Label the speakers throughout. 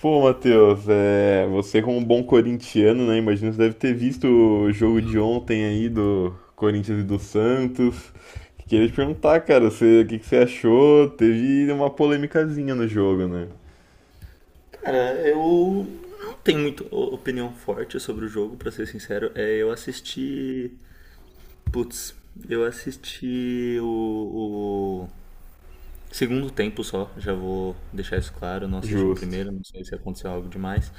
Speaker 1: Pô, Matheus, você como um bom corintiano, né? Imagino que você deve ter visto o jogo de ontem aí do Corinthians e do Santos. Queria te perguntar, cara, o que que você achou? Teve uma polêmicazinha no jogo, né?
Speaker 2: Cara, eu não tenho muito opinião forte sobre o jogo, pra ser sincero. Eu assisti. Putz, eu assisti o segundo tempo só, já vou deixar isso claro. Não assisti o
Speaker 1: Justo.
Speaker 2: primeiro, não sei se aconteceu algo demais.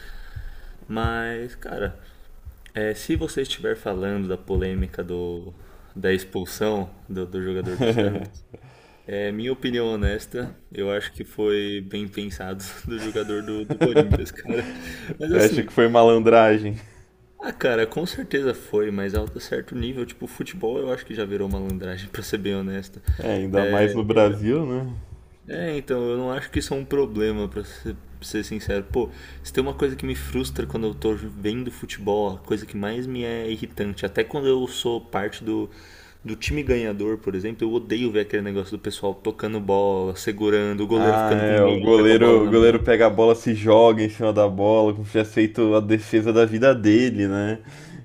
Speaker 2: Mas, cara, se você estiver falando da polêmica da expulsão do jogador do Santos, é minha opinião honesta. Eu acho que foi bem pensado do jogador do Corinthians, cara. Mas
Speaker 1: Você acha
Speaker 2: assim,
Speaker 1: que foi malandragem?
Speaker 2: ah, cara, com certeza foi, mas alto certo nível, tipo, futebol eu acho que já virou malandragem, pra ser bem honesto.
Speaker 1: É, ainda mais
Speaker 2: É,
Speaker 1: no
Speaker 2: eu-
Speaker 1: Brasil, né?
Speaker 2: então, eu não acho que isso é um problema, pra ser sincero. Pô, se tem uma coisa que me frustra quando eu tô vendo futebol, a coisa que mais me é irritante, até quando eu sou parte do, do time ganhador, por exemplo, eu odeio ver aquele negócio do pessoal tocando bola, segurando, o goleiro
Speaker 1: Ah,
Speaker 2: ficando com
Speaker 1: é, o
Speaker 2: meia hora com a bola
Speaker 1: goleiro, o
Speaker 2: na
Speaker 1: goleiro
Speaker 2: mão.
Speaker 1: pega a bola, se joga em cima da bola, como se tivesse feito a defesa da vida dele, né?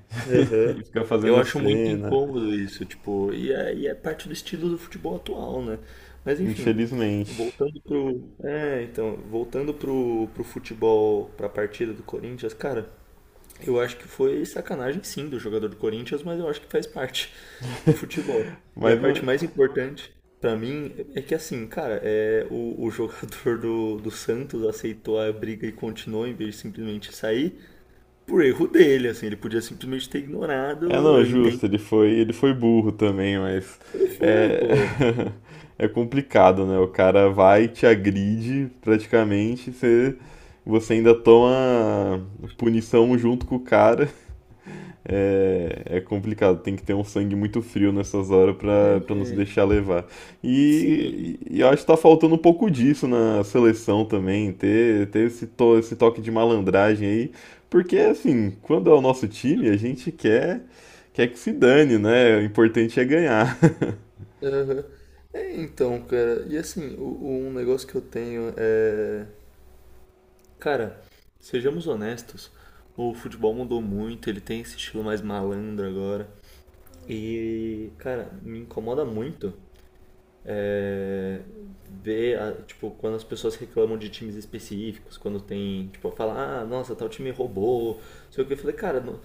Speaker 2: Aham.
Speaker 1: E fica
Speaker 2: Eu
Speaker 1: fazendo
Speaker 2: acho muito
Speaker 1: cena,
Speaker 2: incômodo isso, tipo, e é parte do estilo do futebol atual, né? Mas enfim,
Speaker 1: infelizmente.
Speaker 2: voltando pro futebol, pra partida do Corinthians, cara, eu acho que foi sacanagem sim do jogador do Corinthians, mas eu acho que faz parte do futebol. E a
Speaker 1: Mas não-
Speaker 2: parte mais importante pra mim é que assim, cara, o jogador do Santos aceitou a briga e continuou em vez de simplesmente sair por erro dele, assim, ele podia simplesmente ter
Speaker 1: é
Speaker 2: ignorado,
Speaker 1: não, é
Speaker 2: eu entendo.
Speaker 1: justo, ele foi burro também, mas
Speaker 2: Ele foi,
Speaker 1: é
Speaker 2: pô.
Speaker 1: é complicado, né? O cara vai, te agride praticamente, você ainda toma punição junto com o cara. É, é complicado, tem que ter um sangue muito frio nessas horas pra, pra não se
Speaker 2: É,
Speaker 1: deixar levar.
Speaker 2: sim.
Speaker 1: E eu acho que tá faltando um pouco disso na seleção também, ter esse, esse toque de malandragem aí, porque assim, quando é o nosso time, a gente quer, quer que se dane, né? O importante é ganhar.
Speaker 2: Aham. É, então, cara, e assim, um negócio que eu tenho é. Cara, sejamos honestos, o futebol mudou muito, ele tem esse estilo mais malandro agora. E, cara, me incomoda muito é, ver, tipo, quando as pessoas reclamam de times específicos, quando tem, tipo, fala, ah, nossa, tal time roubou, não sei o que. Eu falei, cara,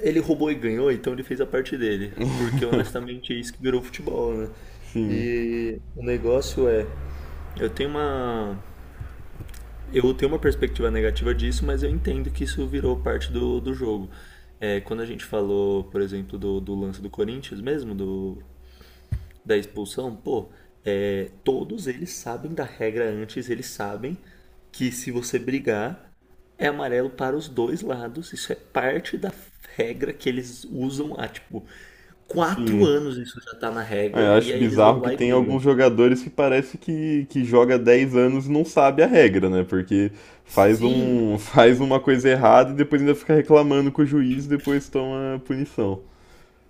Speaker 2: ele roubou e ganhou, então ele fez a parte dele. Porque, honestamente, é isso que virou futebol, né?
Speaker 1: Sim,
Speaker 2: E o negócio é, eu tenho uma, eu tenho uma perspectiva negativa disso, mas eu entendo que isso virou parte do jogo. É, quando a gente falou, por exemplo, do lance do Corinthians mesmo, da expulsão, pô, é, todos eles sabem da regra antes, eles sabem que se você brigar, é amarelo para os dois lados. Isso é parte da regra que eles usam há, tipo, quatro
Speaker 1: sim.
Speaker 2: anos isso já tá na
Speaker 1: É, eu
Speaker 2: regra, e
Speaker 1: acho
Speaker 2: aí eles vão
Speaker 1: bizarro que
Speaker 2: lá e
Speaker 1: tem
Speaker 2: brigam.
Speaker 1: alguns jogadores que parece que joga 10 anos e não sabe a regra, né? Porque faz
Speaker 2: Sim,
Speaker 1: um, faz uma coisa errada e depois ainda fica reclamando com o juiz e depois toma punição.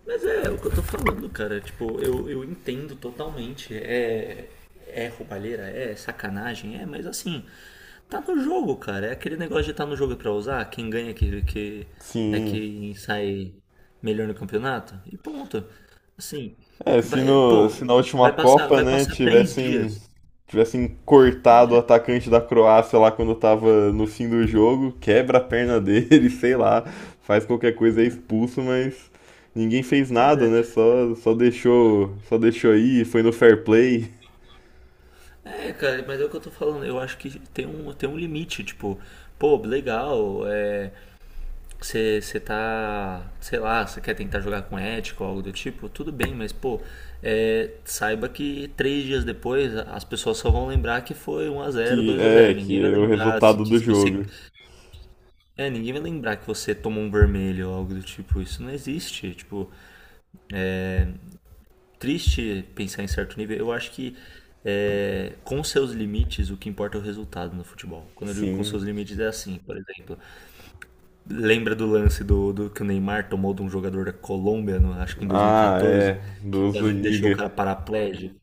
Speaker 2: mas é o que eu tô falando, cara. Tipo, eu entendo totalmente. É, é roubalheira, é sacanagem, é, mas assim, tá no jogo, cara. É aquele negócio de estar no jogo é pra usar. Quem ganha é que é
Speaker 1: Sim.
Speaker 2: quem sai melhor no campeonato. E ponto. Assim,
Speaker 1: É,
Speaker 2: vai,
Speaker 1: se
Speaker 2: pô,
Speaker 1: na última Copa,
Speaker 2: vai
Speaker 1: né,
Speaker 2: passar três
Speaker 1: tivessem
Speaker 2: dias.
Speaker 1: tivessem cortado o
Speaker 2: É,
Speaker 1: atacante da Croácia lá quando tava no fim do jogo, quebra a perna dele, sei lá, faz qualquer coisa, é expulso, mas ninguém fez
Speaker 2: mas
Speaker 1: nada,
Speaker 2: é,
Speaker 1: né? Só deixou aí, foi no fair play,
Speaker 2: É, cara, mas é o que eu tô falando. Eu acho que tem tem um limite. Tipo, pô, legal, é, você tá, sei lá, você quer tentar jogar com ética ou algo do tipo, tudo bem, mas pô, é, saiba que 3 dias depois as pessoas só vão lembrar que foi um a zero, dois a zero.
Speaker 1: que
Speaker 2: Ninguém vai
Speaker 1: é o
Speaker 2: lembrar se,
Speaker 1: resultado
Speaker 2: que
Speaker 1: do
Speaker 2: se você.
Speaker 1: jogo.
Speaker 2: É, ninguém vai lembrar que você tomou um vermelho ou algo do tipo. Isso não existe. Tipo, triste pensar em certo nível. Eu acho que é, com seus limites, o que importa é o resultado no futebol. Quando eu digo com
Speaker 1: Sim.
Speaker 2: seus limites, é assim, por exemplo. Lembra do lance do que o Neymar tomou de um jogador da Colômbia, acho que em
Speaker 1: Ah,
Speaker 2: 2014,
Speaker 1: é,
Speaker 2: que
Speaker 1: do
Speaker 2: quase ele deixou o
Speaker 1: Zuniga.
Speaker 2: cara paraplégico?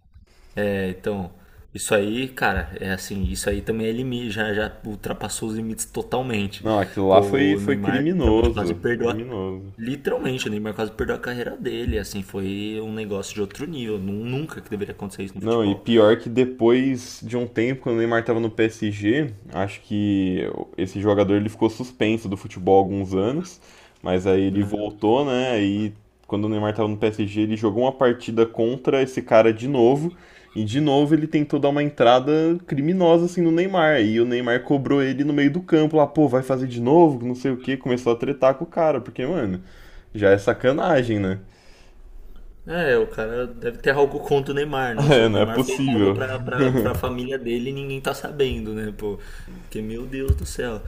Speaker 2: É, então, isso aí, cara, é assim, isso aí também é limite, já, já ultrapassou os limites totalmente.
Speaker 1: Não,
Speaker 2: Pô, o
Speaker 1: foi
Speaker 2: Neymar literalmente quase
Speaker 1: criminoso,
Speaker 2: perdeu a.
Speaker 1: criminoso.
Speaker 2: Literalmente, o Neymar quase perdeu a carreira dele, assim, foi um negócio de outro nível. Nunca que deveria acontecer isso no
Speaker 1: Não, e
Speaker 2: futebol.
Speaker 1: pior que depois de um tempo, quando o Neymar estava no PSG, acho que esse jogador ele ficou suspenso do futebol há alguns anos, mas aí ele
Speaker 2: Né?
Speaker 1: voltou, né? E quando o Neymar estava no PSG, ele jogou uma partida contra esse cara de novo, e de novo ele tentou dar uma entrada criminosa assim no Neymar, e o Neymar cobrou ele no meio do campo, lá, pô, vai fazer de novo, não sei o quê, começou a tretar com o cara, porque, mano, já é sacanagem, né?
Speaker 2: É, o cara deve ter algo contra o Neymar. Nossa,
Speaker 1: É,
Speaker 2: o
Speaker 1: não é
Speaker 2: Neymar fez algo
Speaker 1: possível.
Speaker 2: pra família dele e ninguém tá sabendo, né, pô? Porque, meu Deus do céu.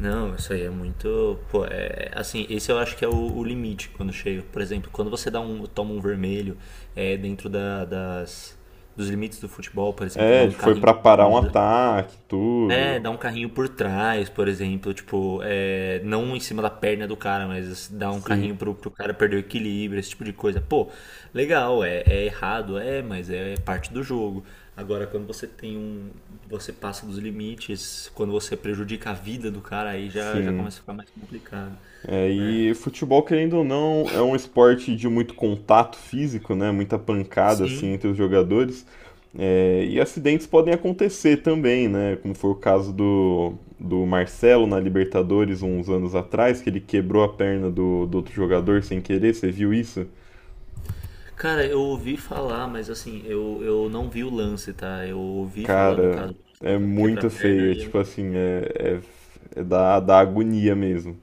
Speaker 2: Não, isso aí é muito. Pô, é. Assim, esse eu acho que é o limite quando chega. Por exemplo, quando você toma um vermelho, é dentro dos limites do futebol, por exemplo, dá
Speaker 1: É,
Speaker 2: um
Speaker 1: tipo, foi
Speaker 2: carrinho
Speaker 1: pra parar um
Speaker 2: mais
Speaker 1: ataque,
Speaker 2: é, dá
Speaker 1: tudo.
Speaker 2: um carrinho por trás, por exemplo, tipo, é, não em cima da perna do cara, mas dá um
Speaker 1: Sim,
Speaker 2: carrinho pro cara perder o equilíbrio, esse tipo de coisa. Pô, legal, é, é errado, é, mas é parte do jogo. Agora, quando você tem você passa dos limites, quando você prejudica a vida do cara, aí já, já
Speaker 1: sim.
Speaker 2: começa a ficar mais complicado,
Speaker 1: É,
Speaker 2: né?
Speaker 1: e futebol, querendo ou não, é um esporte de muito contato físico, né? Muita pancada assim
Speaker 2: Sim.
Speaker 1: entre os jogadores. É, e acidentes podem acontecer também, né? Como foi o caso do, do Marcelo na Libertadores uns anos atrás, que ele quebrou a perna do, do outro jogador sem querer, você viu isso?
Speaker 2: Cara, eu ouvi falar, mas assim, eu não vi o lance, tá? Eu ouvi falar do
Speaker 1: Cara,
Speaker 2: caso
Speaker 1: é
Speaker 2: do
Speaker 1: muito
Speaker 2: quebra-perna
Speaker 1: feio. É,
Speaker 2: e
Speaker 1: tipo
Speaker 2: eu...
Speaker 1: assim, é da, da agonia mesmo.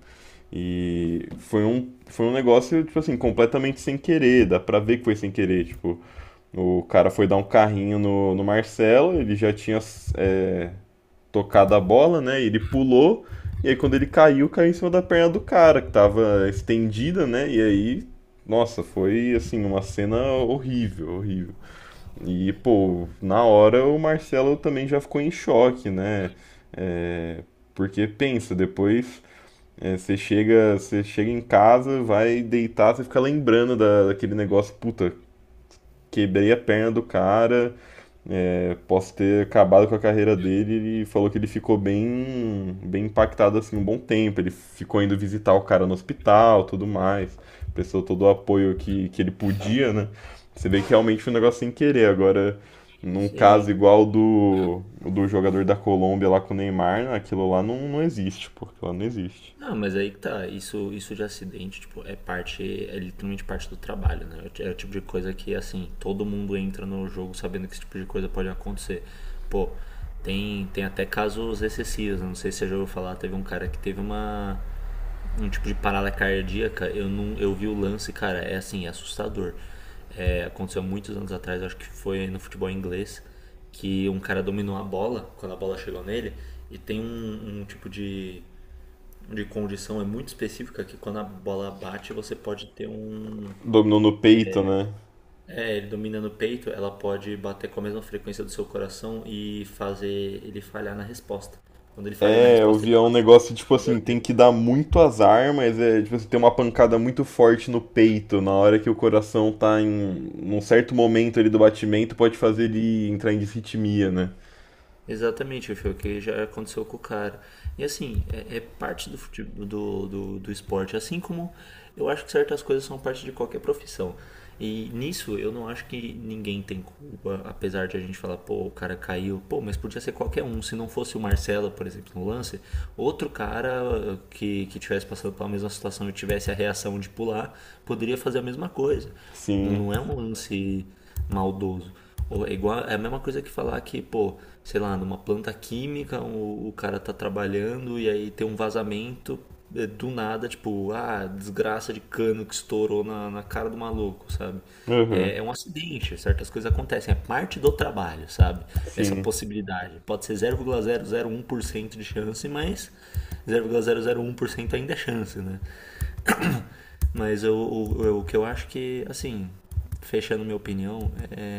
Speaker 1: E foi um negócio, tipo assim, completamente sem querer, dá pra ver que foi sem querer, tipo, o cara foi dar um carrinho no, no Marcelo, ele já tinha é, tocado a bola, né, e ele pulou, e aí quando ele caiu, caiu em cima da perna do cara, que tava estendida, né, e aí, nossa, foi, assim, uma cena horrível, horrível. E, pô, na hora o Marcelo também já ficou em choque, né, é, porque pensa, depois você chega em casa, vai deitar, você fica lembrando da, daquele negócio, puta, quebrei a perna do cara, posso ter acabado com a carreira dele. Ele falou que ele ficou bem, bem impactado assim um bom tempo. Ele ficou indo visitar o cara no hospital, tudo mais. Prestou todo o apoio que ele podia, né? Você vê que realmente foi um negócio sem querer. Agora, num caso
Speaker 2: Sim.
Speaker 1: igual do, do jogador da Colômbia lá com o Neymar, né, aquilo lá não, não existe, porque lá não existe.
Speaker 2: Não, mas aí que tá, isso de acidente, tipo, é parte, é literalmente parte do trabalho, né? É o tipo de coisa que, assim, todo mundo entra no jogo sabendo que esse tipo de coisa pode acontecer. Pô, tem até casos excessivos, né? Não sei se você já ouviu falar, teve um cara que teve uma, um tipo de parada cardíaca, eu não, eu vi o lance, cara, é assim, é assustador. É, aconteceu há muitos anos atrás, acho que foi no futebol inglês, que um cara dominou a bola, quando a bola chegou nele, e tem um, um tipo de condição é muito específica que quando a bola bate você pode ter um
Speaker 1: Dominou no peito, né?
Speaker 2: é ele domina no peito ela pode bater com a mesma frequência do seu coração e fazer ele falhar na resposta quando ele falhar na
Speaker 1: É, eu
Speaker 2: resposta ele
Speaker 1: via um negócio tipo assim,
Speaker 2: bate
Speaker 1: tem que
Speaker 2: no
Speaker 1: dar muito azar, mas é tipo assim, tem uma pancada muito forte no peito, na hora que o coração tá em num certo momento ali do batimento, pode fazer ele entrar em disritmia, né?
Speaker 2: exatamente, foi o que já aconteceu com o cara. E assim, é, é parte do, fute- do, do, do esporte, assim como eu acho que certas coisas são parte de qualquer profissão. E nisso eu não acho que ninguém tem culpa, apesar de a gente falar, pô, o cara caiu, pô, mas podia ser qualquer um. Se não fosse o Marcelo, por exemplo, no lance, outro cara que tivesse passando pela mesma situação e tivesse a reação de pular, poderia fazer a mesma coisa.
Speaker 1: Sim.
Speaker 2: Não é um lance maldoso. Ou é igual, é a mesma coisa que falar que, pô, sei lá, numa planta química, o cara tá trabalhando e aí tem um vazamento é, do nada, tipo, ah, desgraça de cano que estourou na cara do maluco, sabe?
Speaker 1: Aham.
Speaker 2: É, é um acidente, certas coisas acontecem, é parte do trabalho, sabe? Essa
Speaker 1: Sim.
Speaker 2: possibilidade. Pode ser zero vírgula zero zero um por cento de chance, mas zero vírgula zero zero um por cento ainda é chance, né? Mas o que eu acho que, assim, fechando minha opinião, é,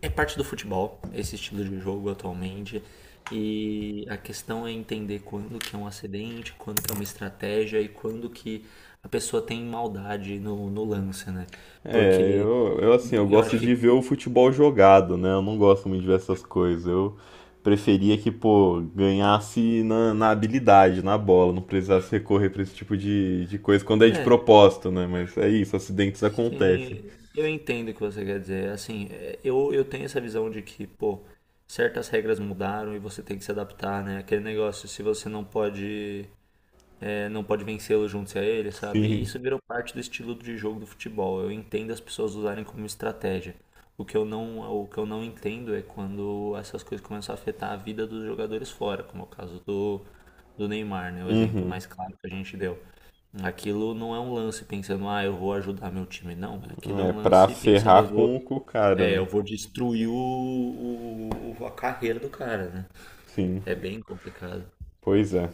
Speaker 2: é parte do futebol, esse estilo de jogo atualmente. E a questão é entender quando que é um acidente, quando que é uma estratégia e quando que a pessoa tem maldade no lance, né?
Speaker 1: É,
Speaker 2: Porque
Speaker 1: eu assim, eu
Speaker 2: eu
Speaker 1: gosto
Speaker 2: acho
Speaker 1: de
Speaker 2: que.
Speaker 1: ver o futebol jogado, né? Eu não gosto muito de ver essas coisas. Eu preferia que, pô, ganhasse na, na habilidade, na bola, não precisasse recorrer pra esse tipo de coisa quando é de
Speaker 2: É,
Speaker 1: propósito, né? Mas é isso, acidentes acontecem.
Speaker 2: sim, eu entendo o que você quer dizer. Assim, é, eu tenho essa visão de que, pô, certas regras mudaram e você tem que se adaptar, né? Aquele negócio, se você não pode é, não pode vencê-lo junto-se a ele, sabe? E
Speaker 1: Sim.
Speaker 2: isso virou parte do estilo de jogo do futebol. Eu entendo as pessoas usarem como estratégia. O que eu não entendo é quando essas coisas começam a afetar a vida dos jogadores fora, como é o caso do Neymar, né? O exemplo
Speaker 1: Uhum.
Speaker 2: mais claro que a gente deu. Aquilo não é um lance pensando, ah, eu vou ajudar meu time. Não, aquilo é
Speaker 1: É
Speaker 2: um
Speaker 1: pra
Speaker 2: lance pensando, eu
Speaker 1: ferrar
Speaker 2: vou,
Speaker 1: com o cara,
Speaker 2: é,
Speaker 1: né?
Speaker 2: eu vou destruir a carreira do cara, né?
Speaker 1: Sim.
Speaker 2: É bem complicado.
Speaker 1: Pois é.